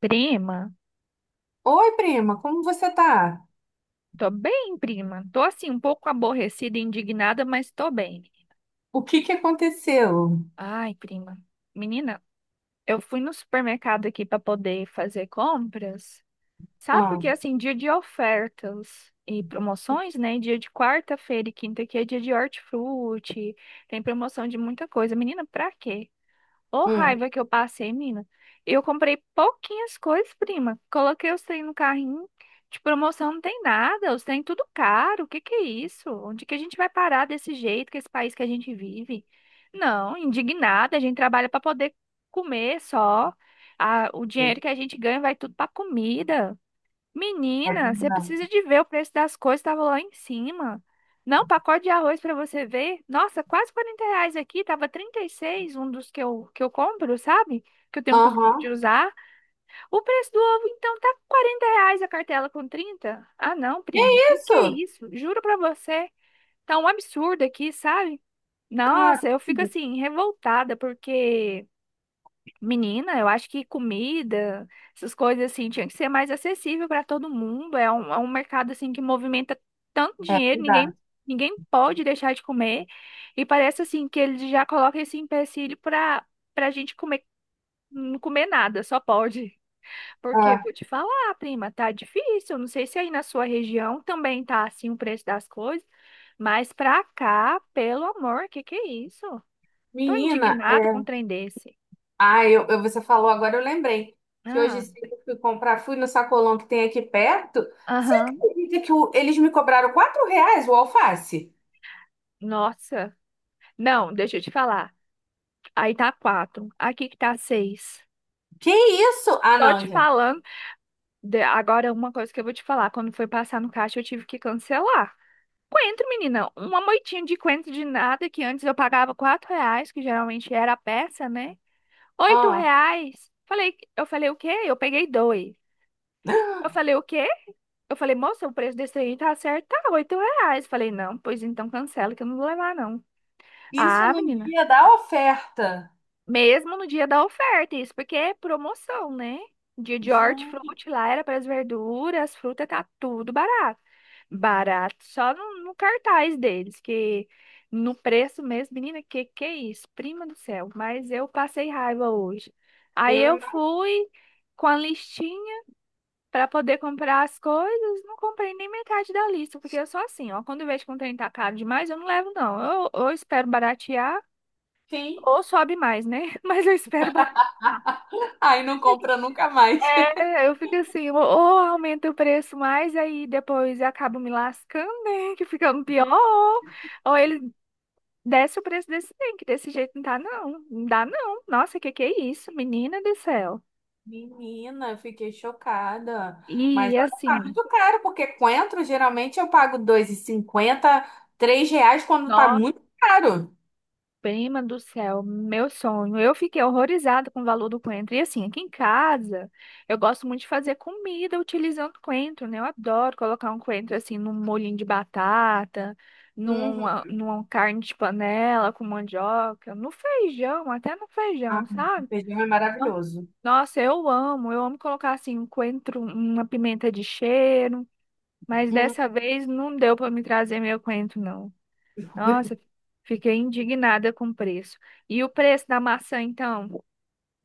Prima, Oi, prima, como você tá? tô bem, prima. Tô assim, um pouco aborrecida e indignada, mas tô bem. O que que aconteceu? Ai, prima. Menina, eu fui no supermercado aqui pra poder fazer compras. Sabe Ah, porque assim, dia de ofertas e promoções, né? Dia de quarta-feira e quinta aqui é dia de hortifruti. Tem promoção de muita coisa. Menina, pra quê? Ô, hum. raiva que eu passei, mina. Eu comprei pouquinhas coisas, prima. Coloquei os trem no carrinho. De promoção não tem nada. Os trem tudo caro. O que que é isso? Onde que a gente vai parar desse jeito, com esse país que a gente vive? Não, indignada. A gente trabalha para poder comer só. Ah, o dinheiro que a gente ganha vai tudo para comida. É Menina, você verdade. precisa de ver o preço das coisas, estava lá em cima. Não, pacote de arroz para você ver. Nossa, quase R$ 40 aqui, tava 36. Um dos que eu compro, sabe? Que eu tenho o costume de Aham. usar. O preço do ovo, então, tá R$ 40 a cartela com 30. Ah, não, Que prima, que é isso? isso? Juro para você, tá um absurdo aqui, sabe? Caramba. Nossa, eu fico assim, revoltada, porque Menina, eu acho que comida, essas coisas assim, tinha que ser mais acessível para todo mundo. É um mercado assim que movimenta tanto É dinheiro, ninguém, verdade. Pode deixar de comer. E parece assim que eles já colocam esse empecilho para gente comer, não comer nada, só pode. Porque É. vou te falar, prima, tá difícil. Não sei se aí na sua região também tá assim o preço das coisas, mas pra cá, pelo amor, que é isso? Tô Menina, é. indignado com um trem desse. Ah, você falou agora, eu lembrei que hoje Ah, cedo eu fui comprar, fui no sacolão que tem aqui perto. Você aham. acredita que eles me cobraram R$ 4 o alface? Nossa. Não, deixa eu te falar. Aí tá quatro. Aqui que tá seis. Que isso? Ah, Tô te não, gente. falando. Agora, uma coisa que eu vou te falar. Quando foi passar no caixa, eu tive que cancelar. Coentro, menina. Uma moitinha de coentro de nada que antes eu pagava R$ 4, que geralmente era a peça, né? Oito Ah. reais. Falei, eu falei o quê? Eu peguei dois. Eu falei o quê? Eu falei, moça, o preço desse aí tá certo, tá R$ 8. Falei, não, pois então cancela que eu não vou levar, não. Isso Ah, no menina. dia da oferta. Mesmo no dia da oferta, isso porque é promoção, né? Dia de Gente, hortifruti lá era para as verduras, as frutas, tá tudo barato. Barato só no cartaz deles, que no preço mesmo, menina, que é isso? Prima do céu, mas eu passei raiva hoje. Aí eu eu fui com a listinha para poder comprar as coisas, não comprei nem metade da lista, porque eu sou assim, ó, quando eu vejo que um trem tá caro demais, eu não levo não. Eu espero baratear imagino. ou sobe mais, né? Mas eu espero baratear. Aí não compra nunca mais. É, eu fico assim, ou aumenta o preço mais, aí depois eu acabo me lascando, né? Que ficando pior, ou ele desce o preço desse trem, que desse jeito não dá, não. Não dá, não. Nossa, que é isso, menina do céu? Menina, eu fiquei chocada. Mas E olha, tá assim, muito caro, porque coentro geralmente eu pago 2,50, R$ 3 quando tá muito caro. Prima do céu, meu sonho. Eu fiquei horrorizada com o valor do coentro. E assim, aqui em casa, eu gosto muito de fazer comida utilizando coentro, né? Eu adoro colocar um coentro assim num molhinho de batata, Uhum. numa carne de panela com mandioca, no feijão, até no feijão, Ah, o sabe? feijão é Então, maravilhoso. Nossa, eu amo. Eu amo colocar assim um coentro, uma pimenta de cheiro. Mas Hum. dessa vez não deu para me trazer meu coentro, não. Nossa, fiquei indignada com o preço. E o preço da maçã, então?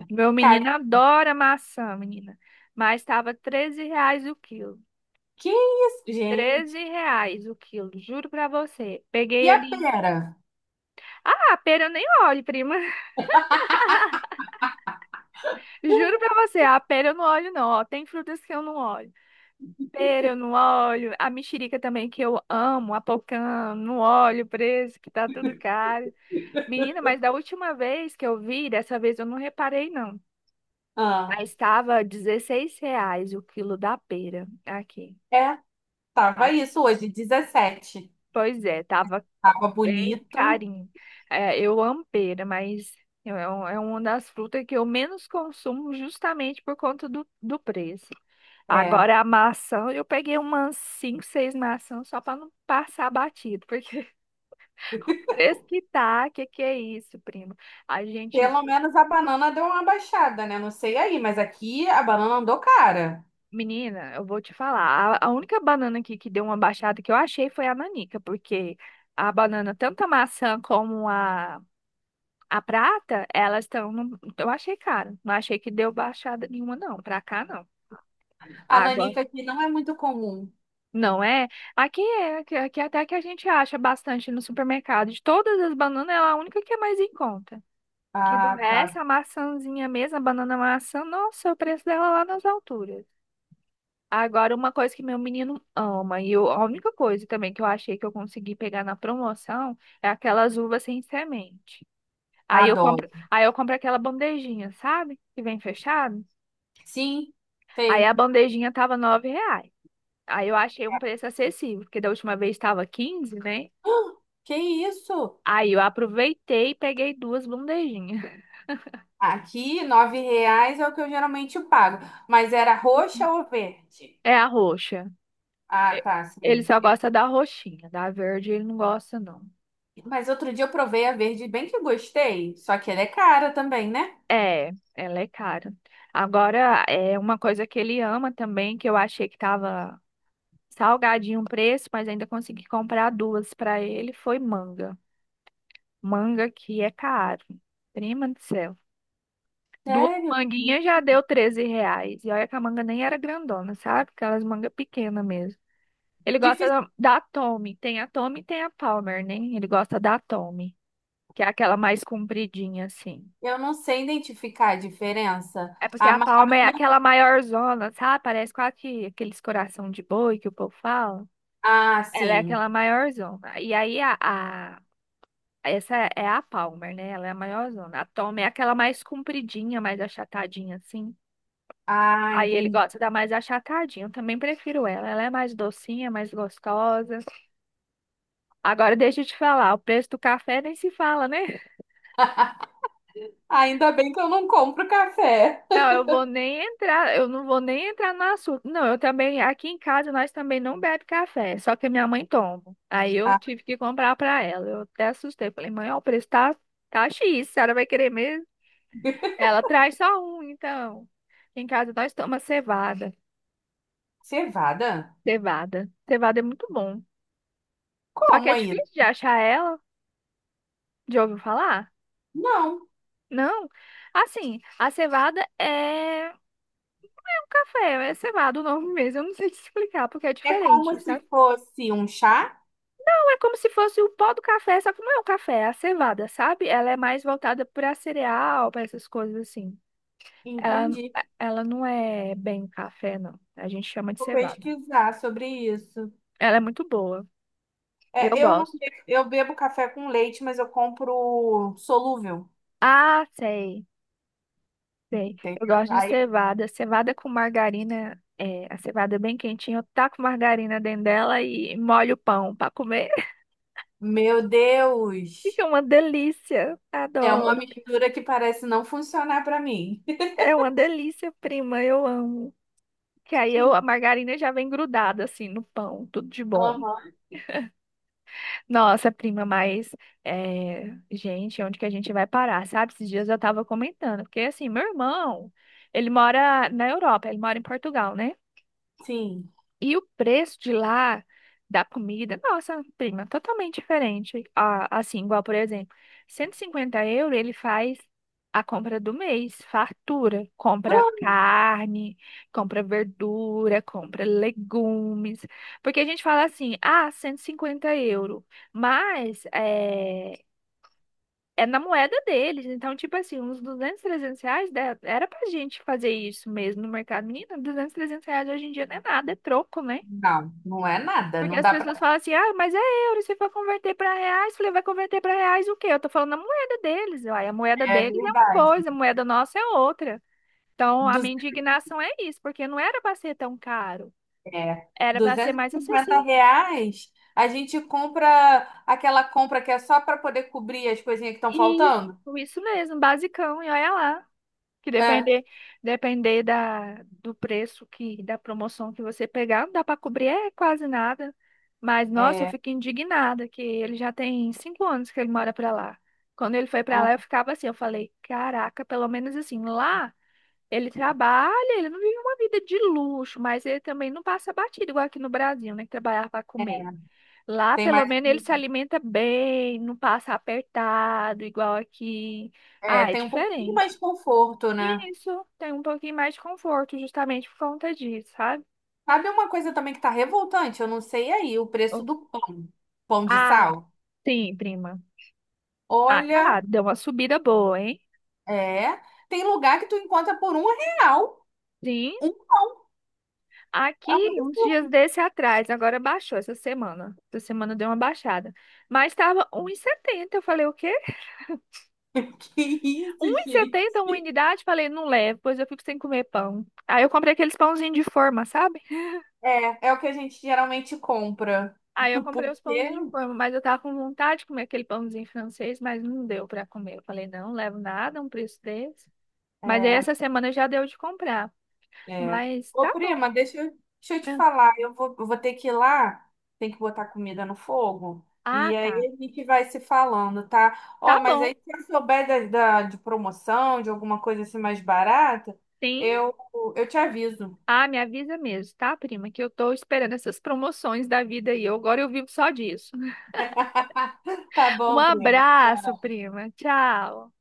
Meu Cara, menino adora maçã, menina. Mas estava R$ 13 o quilo. que isso, 13 gente? reais o quilo, juro pra você. E Peguei a ali. pera? Ah, a pera eu nem olho, prima. Juro pra você, a pera eu não olho, não. Ó, tem frutas que eu não olho. Pera eu não olho. A mexerica também que eu amo. A pocã, não olho o preço, que tá tudo caro. Menina, mas da última vez que eu vi, dessa vez eu não reparei, não. Ah, Aí estava R$ 16 o quilo da pera aqui, é, tava tá? isso hoje, 17. Pois é, tava Tava bem bonita. carinho. É, eu amo pera, mas é uma das frutas que eu menos consumo justamente por conta do preço. É. Agora a maçã, eu peguei umas 5, 6 maçãs só para não passar batido, porque o preço que tá, que é isso, primo? A gente Pelo menos a banana deu uma baixada, né? Não sei aí, mas aqui a banana andou cara. Menina, eu vou te falar. A única banana aqui que deu uma baixada que eu achei foi a nanica, porque a banana, tanto a maçã como a prata, elas estão. Eu achei cara. Não achei que deu baixada nenhuma, não. Pra cá, não. A Água. nanica aqui não é muito comum. Não é? Aqui até que a gente acha bastante no supermercado. De todas as bananas, é a única que é mais em conta. Que do Ah, resto, tá. a maçãzinha mesmo, a banana maçã, nossa, o preço dela lá nas alturas. Agora, uma coisa que meu menino ama, a única coisa também que eu achei que eu consegui pegar na promoção é aquelas uvas sem semente. Aí eu Adoro. compro, aí eu compro aquela bandejinha, sabe? Que vem fechado. Sim, Aí a sei. bandejinha tava R$ 9. Aí eu achei um preço acessível, porque da última vez estava 15, né? Ah, que isso? Aí eu aproveitei e peguei duas bandejinhas. Aqui, R$ 9 é o que eu geralmente pago. Mas era roxa ou verde? É a roxa. Ah, E- tá, Ele sim. só Eu- gosta da roxinha, da verde ele não gosta, não. Mas outro dia eu provei a verde, bem que eu gostei. Só que ela é cara também, né? É, ela é cara. Agora, é uma coisa que ele ama também, que eu achei que tava salgadinho o preço, mas ainda consegui comprar duas para ele, foi manga. Manga que é caro. Prima do céu. Duas Sério? manguinhas já deu R$ 13. E olha que a manga nem era grandona, sabe? Aquelas mangas pequenas mesmo. Ele gosta Difícil. da Tommy. Tem a Tommy e tem a Palmer, né? Ele gosta da Tommy, que é aquela mais compridinha, assim. Eu não sei identificar a diferença. É porque A a ma- palma é aquela maior zona, sabe? Parece quase que aqueles coração de boi que o povo fala. Ah, Ela é sim. aquela maior zona. E aí essa é a Palmer, né? Ela é a maior zona. A Tom é aquela mais compridinha, mais achatadinha assim. Ah, Aí ele entendi. gosta da mais achatadinha. Eu também prefiro ela. Ela é mais docinha, mais gostosa. Agora deixa eu te falar, o preço do café nem se fala, né? Ainda bem que eu não compro café. Não, eu não vou nem entrar no assunto. Não, eu também, aqui em casa nós também não bebe café, só que a minha mãe toma. Aí eu Ah, tive que comprar para ela. Eu até assustei, falei: "Mãe, ó, o preço tá tá X, a senhora vai querer mesmo?" Ela traz só um, então. Em casa nós tomamos cevada, cevada? cevada. Cevada é muito bom. Só que Como é aí? difícil de achar ela. Já ouviu falar? Não. Não. Assim, a cevada é um café, é cevada o nome mesmo. Eu não sei te explicar porque é É diferente. como se fosse um chá? É como se fosse o pó do café, só que não é o café, é a cevada, sabe? Ela é mais voltada para cereal, para essas coisas assim. Ela, Entendi. ela não é bem café, não. A gente chama de Vou cevada. pesquisar sobre isso. Ela é muito boa. Eu É, eu não, gosto. be- eu bebo café com leite, mas eu compro solúvel, Ah, sei, sei. Eu entendeu? gosto de Aí, cevada. Cevada com margarina. É, a cevada é bem quentinha. Eu taco margarina dentro dela e molho o pão para comer. meu Fica Deus, uma delícia. é uma Adoro. mistura que parece não funcionar para mim. É uma delícia, prima. Eu amo. Que aí eu, a margarina já vem grudada assim no pão, tudo de bom. Aham. Nossa, prima, mas é, gente, onde que a gente vai parar, sabe? Esses dias eu tava comentando, porque assim, meu irmão, ele mora na Europa, ele mora em Portugal, né? Sim. E o preço de lá da comida, nossa, prima, totalmente diferente. Ah, assim, igual, por exemplo, €150 ele faz a compra do mês, fartura. Compra Ah, carne, compra verdura, compra legumes. Porque a gente fala assim, ah, €150. Mas é na moeda deles. Então, tipo assim, uns 200 R$ 300 era pra gente fazer isso mesmo no mercado. Menina, 200 R$ 300 hoje em dia não é nada, é troco, né? não, não é nada. Porque Não as dá pessoas para. falam assim, ah, mas é euro, se for converter para reais, eu falei, vai converter para reais o quê? Eu tô falando a moeda deles, uai, a moeda É deles é uma verdade. coisa, a moeda nossa é outra. Então, a minha indignação é isso, porque não era para ser tão caro, É, era para ser duzentos mais e cinquenta acessível. reais, a gente compra aquela compra que é só para poder cobrir as coisinhas que estão E isso, faltando. isso mesmo, basicão, e olha lá. Que É, depender da, do preço que, da promoção que você pegar, não dá para cobrir é quase nada. Mas, nossa, eu é, fico indignada que ele já tem 5 anos que ele mora para lá. Quando ele foi para lá, ó, eu ficava assim, eu falei, caraca, pelo menos assim, lá ele trabalha, ele não vive uma vida de luxo, mas ele também não passa batido, igual aqui no Brasil, né? Que trabalhar para é, comer. Lá, tem pelo mais, menos, ele se alimenta bem, não passa apertado, igual aqui. é, Ah, é tem um pouquinho mais diferente. de conforto, né? E isso tem um pouquinho mais de conforto, justamente por conta disso, sabe? Sabe uma coisa também que tá revoltante? Eu não sei aí, o preço Oh, do pão, pão de Ah, sal. sim, prima. Ah, cara, Olha, deu uma subida boa, hein? é, tem lugar que tu encontra por um real. Sim, Um, é um aqui uns dias absurdo. desse atrás, agora baixou essa semana. Essa semana deu uma baixada. Mas estava 1,70. Eu falei, o quê? Que isso, um e gente? setenta uma unidade? Falei, não levo, pois eu fico sem comer pão. Aí eu comprei aqueles pãozinhos de forma, sabe? É, é o que a gente geralmente compra. Aí eu comprei os pãozinhos de porque forma, mas eu tava com vontade de comer aquele pãozinho francês, mas não deu pra comer. Eu falei, não, levo nada, um preço desse. Mas aí é essa semana já deu de comprar. É. Mas tá Ô, bom. prima, deixa eu te É. falar. Eu vou ter que ir lá, tem que botar comida no fogo. Ah, E tá. aí a gente vai se falando, tá? Tá Ó, mas bom. aí se eu souber de promoção, de alguma coisa assim mais barata, Sim. eu, eu te aviso. Ah, me avisa mesmo, tá, prima? Que eu tô esperando essas promoções da vida aí. Agora eu vivo só disso. Tá Um bom, prima. abraço, prima. Tchau.